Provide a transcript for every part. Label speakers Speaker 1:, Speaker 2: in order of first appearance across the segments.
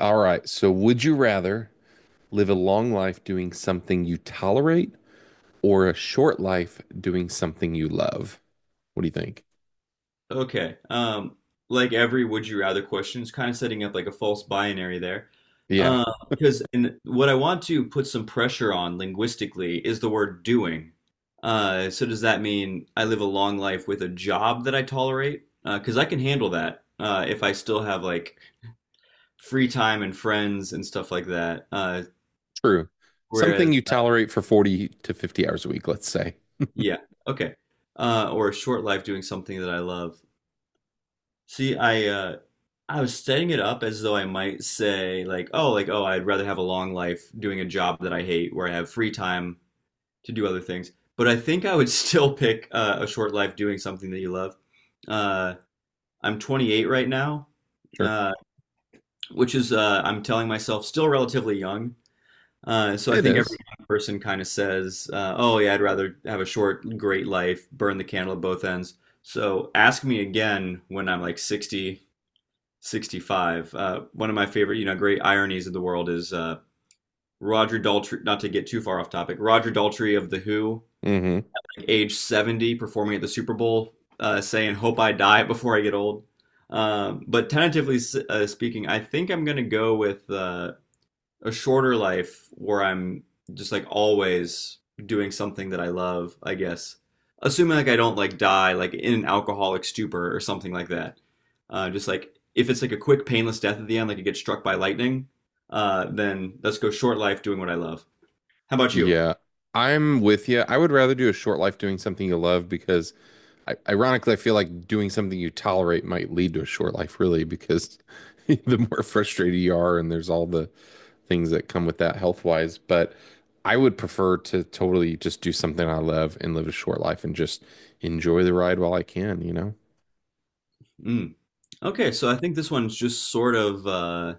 Speaker 1: All right. So, would you rather live a long life doing something you tolerate or a short life doing something you love? What do you think?
Speaker 2: Okay. Like every would you rather question is kind of setting up like a false binary there.
Speaker 1: Yeah,
Speaker 2: Uh, because and what I want to put some pressure on linguistically is the word doing. So does that mean I live a long life with a job that I tolerate? Because I can handle that if I still have like free time and friends and stuff like that.
Speaker 1: true.
Speaker 2: Whereas,
Speaker 1: Something you tolerate for 40 to 50 hours a week, let's say.
Speaker 2: yeah, okay. Or a short life doing something that I love. See, I was setting it up as though I might say like, oh, I'd rather have a long life doing a job that I hate where I have free time to do other things. But I think I would still pick a short life doing something that you love. Uh, I'm 28 right now,
Speaker 1: Sure.
Speaker 2: uh, which is I'm telling myself still relatively young. So I
Speaker 1: It
Speaker 2: think every
Speaker 1: is.
Speaker 2: young person kind of says, oh yeah, I'd rather have a short, great life, burn the candle at both ends. So ask me again when I'm like 60 65. One of my favorite, you know, great ironies of the world is Roger Daltrey, not to get too far off topic, Roger Daltrey of The Who,
Speaker 1: Mm-hmm.
Speaker 2: like, age 70, performing at the Super Bowl, saying, Hope I die before I get old. But tentatively speaking, I think I'm going to go with a shorter life where I'm just like always doing something that I love, I guess. Assuming like I don't like die like in an alcoholic stupor or something like that. Just like if it's like a quick painless death at the end, like you get struck by lightning, then let's go short life doing what I love. How about you?
Speaker 1: Yeah, I'm with you. I would rather do a short life doing something you love because, I, ironically, I feel like doing something you tolerate might lead to a short life, really, because the more frustrated you are, and there's all the things that come with that health wise. But I would prefer to totally just do something I love and live a short life and just enjoy the ride while I can, you know?
Speaker 2: Mm. Okay, so I think this one's just sort of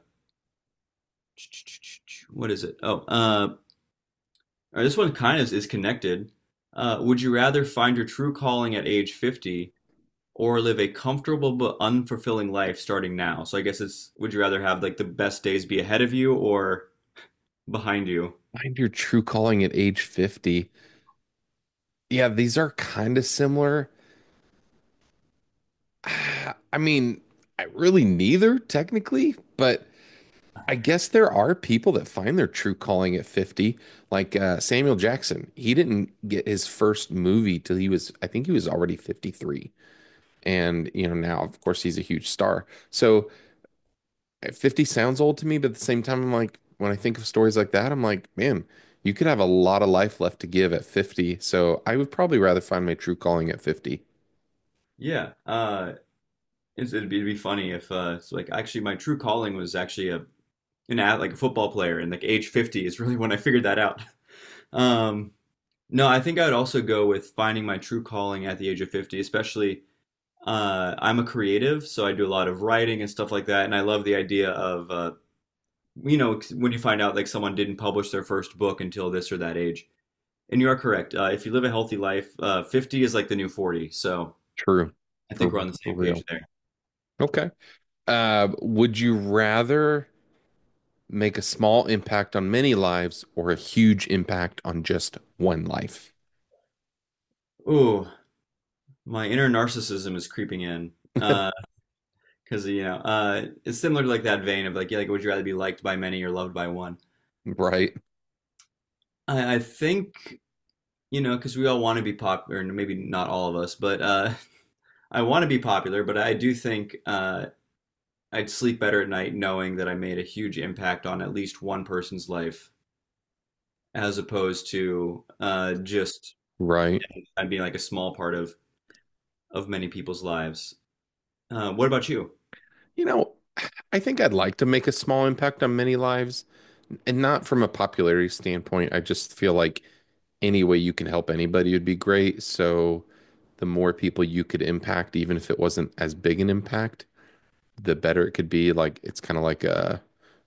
Speaker 2: what is it? Oh, all right, this one kind of is connected. Would you rather find your true calling at age 50 or live a comfortable but unfulfilling life starting now. So I guess it's would you rather have like the best days be ahead of you or behind you?
Speaker 1: Find your true calling at age 50. Yeah, these are kind of similar. I mean, I really neither technically, but. I guess there are people that find their true calling at 50, like Samuel Jackson. He didn't get his first movie till he was, I think he was already 53. And, you know, now, of course, he's a huge star. So 50 sounds old to me, but at the same time, I'm like, when I think of stories like that, I'm like, man, you could have a lot of life left to give at 50. So I would probably rather find my true calling at 50.
Speaker 2: Yeah. It'd be it'd be funny if it's like actually my true calling was actually a an ad, like a football player and like age 50 is really when I figured that out. Um no, I think I would also go with finding my true calling at the age of 50, especially I'm a creative, so I do a lot of writing and stuff like that, and I love the idea of you know, when you find out like someone didn't publish their first book until this or that age. And you are correct. If you live a healthy life, 50 is like the new 40. So
Speaker 1: True.
Speaker 2: I
Speaker 1: For,
Speaker 2: think we're on the
Speaker 1: for
Speaker 2: same page
Speaker 1: real.
Speaker 2: there.
Speaker 1: Okay. Would you rather make a small impact on many lives or a huge impact on just one life?
Speaker 2: Ooh, my inner narcissism is creeping in. Uh, cause you know, it's similar to like that vein of like, yeah, like, would you rather be liked by many or loved by one?
Speaker 1: Right.
Speaker 2: I think, you know, cause we all want to be popular and maybe not all of us, but, I want to be popular, but I do think, I'd sleep better at night knowing that I made a huge impact on at least one person's life as opposed to just
Speaker 1: Right.
Speaker 2: being like a small part of many people's lives. What about you?
Speaker 1: You know, I think I'd like to make a small impact on many lives, and not from a popularity standpoint. I just feel like any way you can help anybody would be great. So the more people you could impact, even if it wasn't as big an impact, the better it could be. Like it's kind of like a,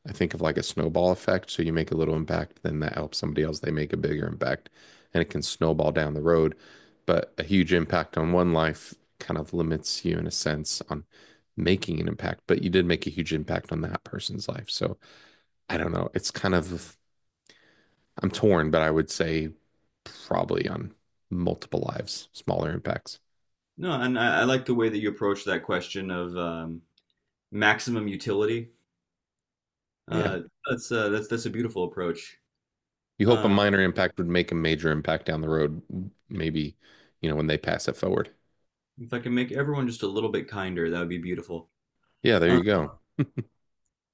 Speaker 1: I think of like a snowball effect. So you make a little impact, then that helps somebody else. They make a bigger impact, and it can snowball down the road. But a huge impact on one life kind of limits you in a sense on making an impact. But you did make a huge impact on that person's life. So I don't know. It's kind of I'm torn, but I would say probably on multiple lives, smaller impacts.
Speaker 2: No, and I like the way that you approach that question of maximum utility.
Speaker 1: Yeah.
Speaker 2: Uh, that's a beautiful approach.
Speaker 1: You hope a
Speaker 2: Uh,
Speaker 1: minor impact would make a major impact down the road, maybe, you know, when they pass it forward.
Speaker 2: if I can make everyone just a little bit kinder, that would be beautiful.
Speaker 1: Yeah, there
Speaker 2: Uh,
Speaker 1: you go.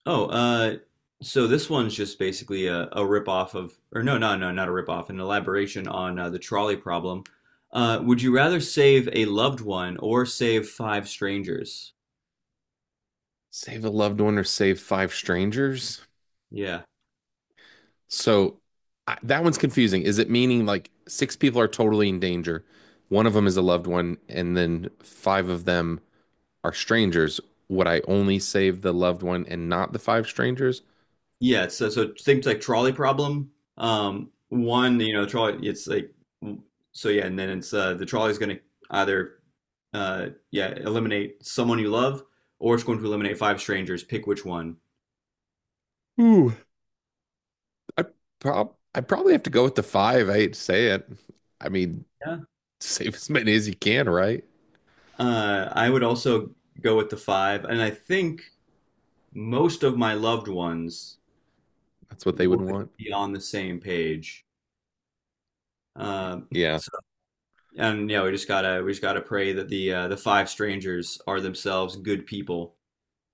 Speaker 2: Oh, uh, so this one's just basically a rip-off of, or not a rip-off, an elaboration on the trolley problem. Would you rather save a loved one or save five strangers?
Speaker 1: Save a loved one or save five strangers.
Speaker 2: Yeah.
Speaker 1: So that one's confusing. Is it meaning like six people are totally in danger? One of them is a loved one, and then five of them are strangers. Would I only save the loved one and not the five strangers?
Speaker 2: Yeah, so things like trolley problem. One, you know, trolley, it's like, and then it's the trolley's going to either, yeah, eliminate someone you love or it's going to eliminate five strangers. Pick which one.
Speaker 1: Ooh, I I probably have to go with the five. I hate to say it. I mean, save as many as you can, right?
Speaker 2: I would also go with the five, and I think most of my loved ones
Speaker 1: That's what they would
Speaker 2: would
Speaker 1: want.
Speaker 2: be on the same page. Um,
Speaker 1: Yeah,
Speaker 2: so, and yeah, we just gotta pray that the five strangers are themselves good people.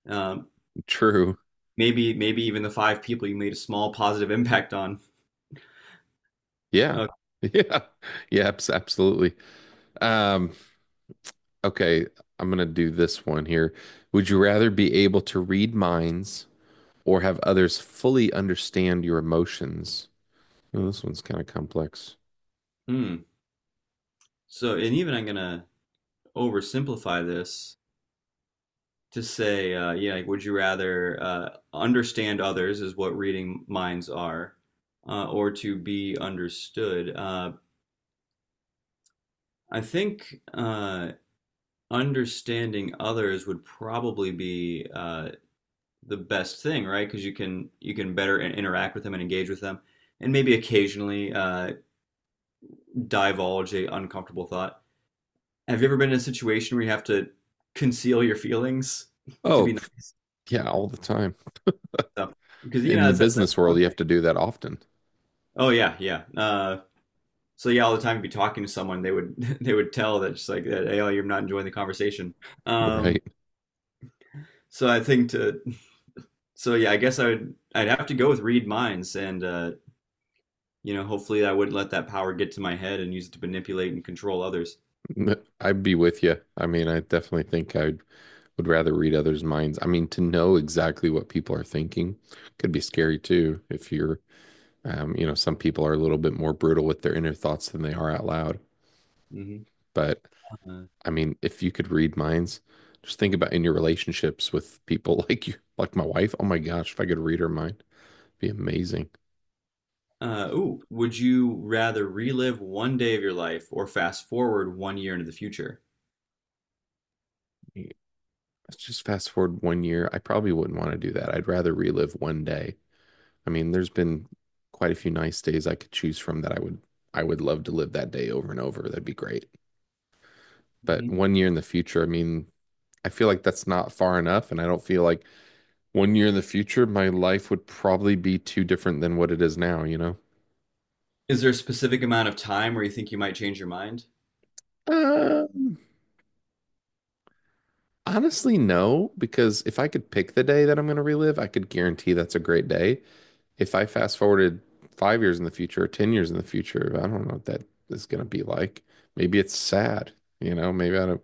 Speaker 2: Um,
Speaker 1: true.
Speaker 2: Maybe even the five people you made a small positive impact on.
Speaker 1: Yeah.
Speaker 2: Uh,
Speaker 1: Yeah. Yeah, absolutely. Um, okay, I'm gonna do this one here. Would you rather be able to read minds or have others fully understand your emotions? Oh, this one's kind of complex.
Speaker 2: hmm. So, and even I'm gonna oversimplify this to say, yeah, like, would you rather understand others is what reading minds are, or to be understood? I think Understanding others would probably be the best thing, right? Because you can better interact with them and engage with them, and maybe occasionally divulge a uncomfortable thought. Have you ever been in a situation where you have to conceal your feelings to
Speaker 1: Oh,
Speaker 2: be
Speaker 1: pff,
Speaker 2: nice?
Speaker 1: yeah, all the time.
Speaker 2: So, because you know
Speaker 1: In the business
Speaker 2: that's
Speaker 1: world,
Speaker 2: one
Speaker 1: you
Speaker 2: thing.
Speaker 1: have to do that often,
Speaker 2: Oh yeah, yeah. So yeah, all the time you'd be talking to someone, they would they would tell that just like that, hey, oh, you're not enjoying the conversation. Um,
Speaker 1: right?
Speaker 2: so I think to so Yeah, I guess I'd have to go with read minds, and you know, hopefully I wouldn't let that power get to my head and use it to manipulate and control others.
Speaker 1: I'd be with you. I mean, I definitely think I would rather read others' minds. I mean, to know exactly what people are thinking could be scary too if you're. You know, some people are a little bit more brutal with their inner thoughts than they are out loud.
Speaker 2: hmm
Speaker 1: But
Speaker 2: Uh,
Speaker 1: I mean, if you could read minds, just think about in your relationships with people like you, like my wife. Oh my gosh, if I could read her mind, it'd be amazing.
Speaker 2: Ooh, would you rather relive one day of your life or fast forward 1 year into the future?
Speaker 1: Let's just fast forward 1 year. I probably wouldn't want to do that. I'd rather relive one day. I mean, there's been quite a few nice days I could choose from that I would love to live that day over and over. That'd be great. But
Speaker 2: hmm
Speaker 1: 1 year in the future, I mean, I feel like that's not far enough, and I don't feel like 1 year in the future, my life would probably be too different than what it is now, you know?
Speaker 2: Is there a specific amount of time where you think you might change your mind?
Speaker 1: Um, honestly, no, because if I could pick the day that I'm going to relive, I could guarantee that's a great day. If I fast forwarded 5 years in the future or 10 years in the future, I don't know what that is going to be like. Maybe it's sad, you know?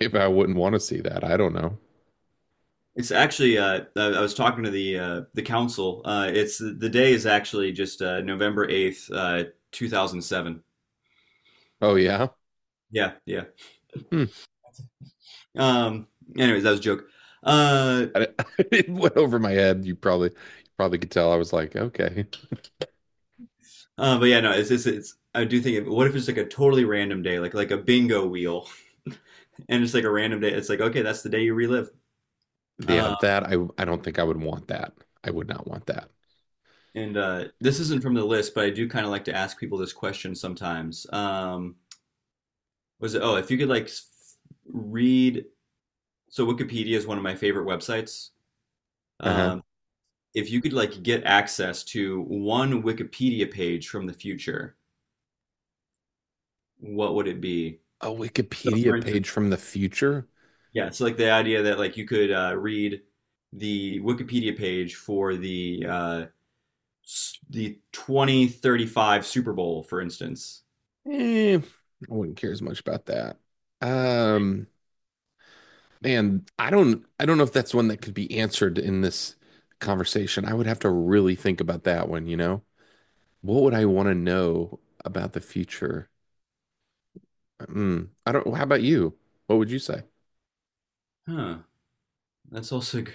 Speaker 1: Maybe I wouldn't want to see that. I don't know.
Speaker 2: It's actually, I was talking to the council. It's the day is actually just November 8th, 2007.
Speaker 1: Oh, yeah.
Speaker 2: Yeah, yeah.
Speaker 1: Hmm.
Speaker 2: Um Anyways, that was a joke. Uh,
Speaker 1: I, it went over my head. You probably could tell. I was like, okay.
Speaker 2: but yeah, no, it's I do think what if it's like a totally random day, like a bingo wheel and it's like a random day. It's like, okay, that's the day you relive.
Speaker 1: Yeah,
Speaker 2: Uh,
Speaker 1: that I don't think I would want that. I would not want that.
Speaker 2: and This isn't from the list, but I do kind of like to ask people this question sometimes. If you could like read, so Wikipedia is one of my favorite websites.
Speaker 1: Uh-huh.
Speaker 2: Um, if you could like get access to one Wikipedia page from the future, what would it be?
Speaker 1: A
Speaker 2: So
Speaker 1: Wikipedia
Speaker 2: for instance,
Speaker 1: page from the future?
Speaker 2: yeah, so like the idea that like you could read the Wikipedia page for the the 2035 Super Bowl, for instance.
Speaker 1: Eh, I wouldn't care as much about that. Um, man, I don't know if that's one that could be answered in this conversation. I would have to really think about that one, you know? What would I want to know about the future? Mm, I don't, how about you? What would you say?
Speaker 2: Huh, that's also good.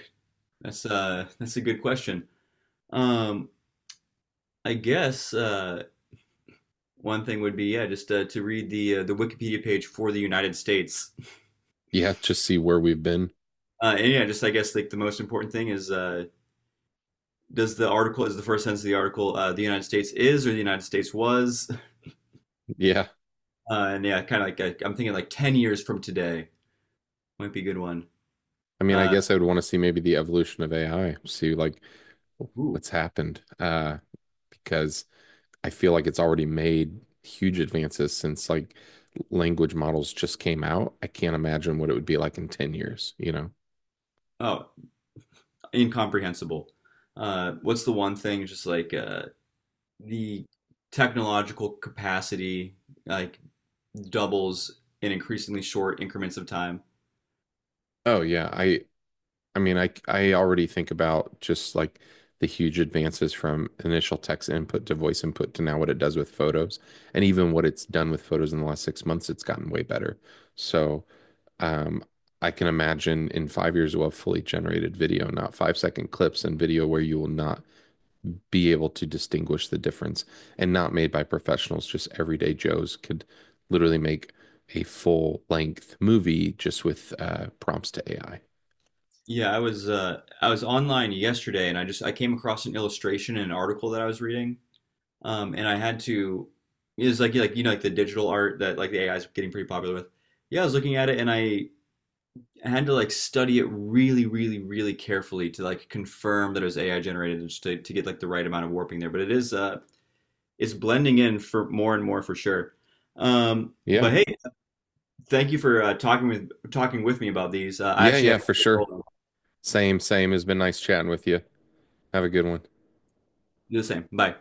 Speaker 2: That's a good question. Um, I guess one thing would be yeah, just to read the Wikipedia page for the United States.
Speaker 1: Yeah, just see where we've been.
Speaker 2: And yeah, just I guess like the most important thing is does the article, is the first sentence of the article, the United States is or the United States was?
Speaker 1: Yeah.
Speaker 2: And yeah, like I'm thinking like 10 years from today might be a good one.
Speaker 1: I mean, I
Speaker 2: Uh,
Speaker 1: guess I would want to see maybe the evolution of AI, see like
Speaker 2: ooh,
Speaker 1: what's happened. Because I feel like it's already made huge advances since like language models just came out. I can't imagine what it would be like in 10 years, you know?
Speaker 2: oh, Incomprehensible. What's the one thing? Just like the technological capacity like doubles in increasingly short increments of time.
Speaker 1: Oh yeah, I mean, I already think about just like the huge advances from initial text input to voice input to now what it does with photos, and even what it's done with photos in the last 6 months, it's gotten way better. So, um, I can imagine in 5 years we'll have fully generated video, not five second clips and video where you will not be able to distinguish the difference and not made by professionals, just everyday Joes could literally make a full length movie just with prompts to AI.
Speaker 2: Yeah, I was online yesterday and I just I came across an illustration in an article that I was reading. And I had to, It was like, you know, like the digital art that like the AI is getting pretty popular with. Yeah, I was looking at it and I had to like study it really, really, really carefully to like confirm that it was AI generated and just to get like the right amount of warping there. But it is, it's blending in for more and more for sure.
Speaker 1: Yeah.
Speaker 2: But hey, thank you for talking with me about these. I
Speaker 1: Yeah,
Speaker 2: actually
Speaker 1: yeah,
Speaker 2: have to
Speaker 1: for sure. Same, same. It's been nice chatting with you. Have a good one.
Speaker 2: do the same. Bye.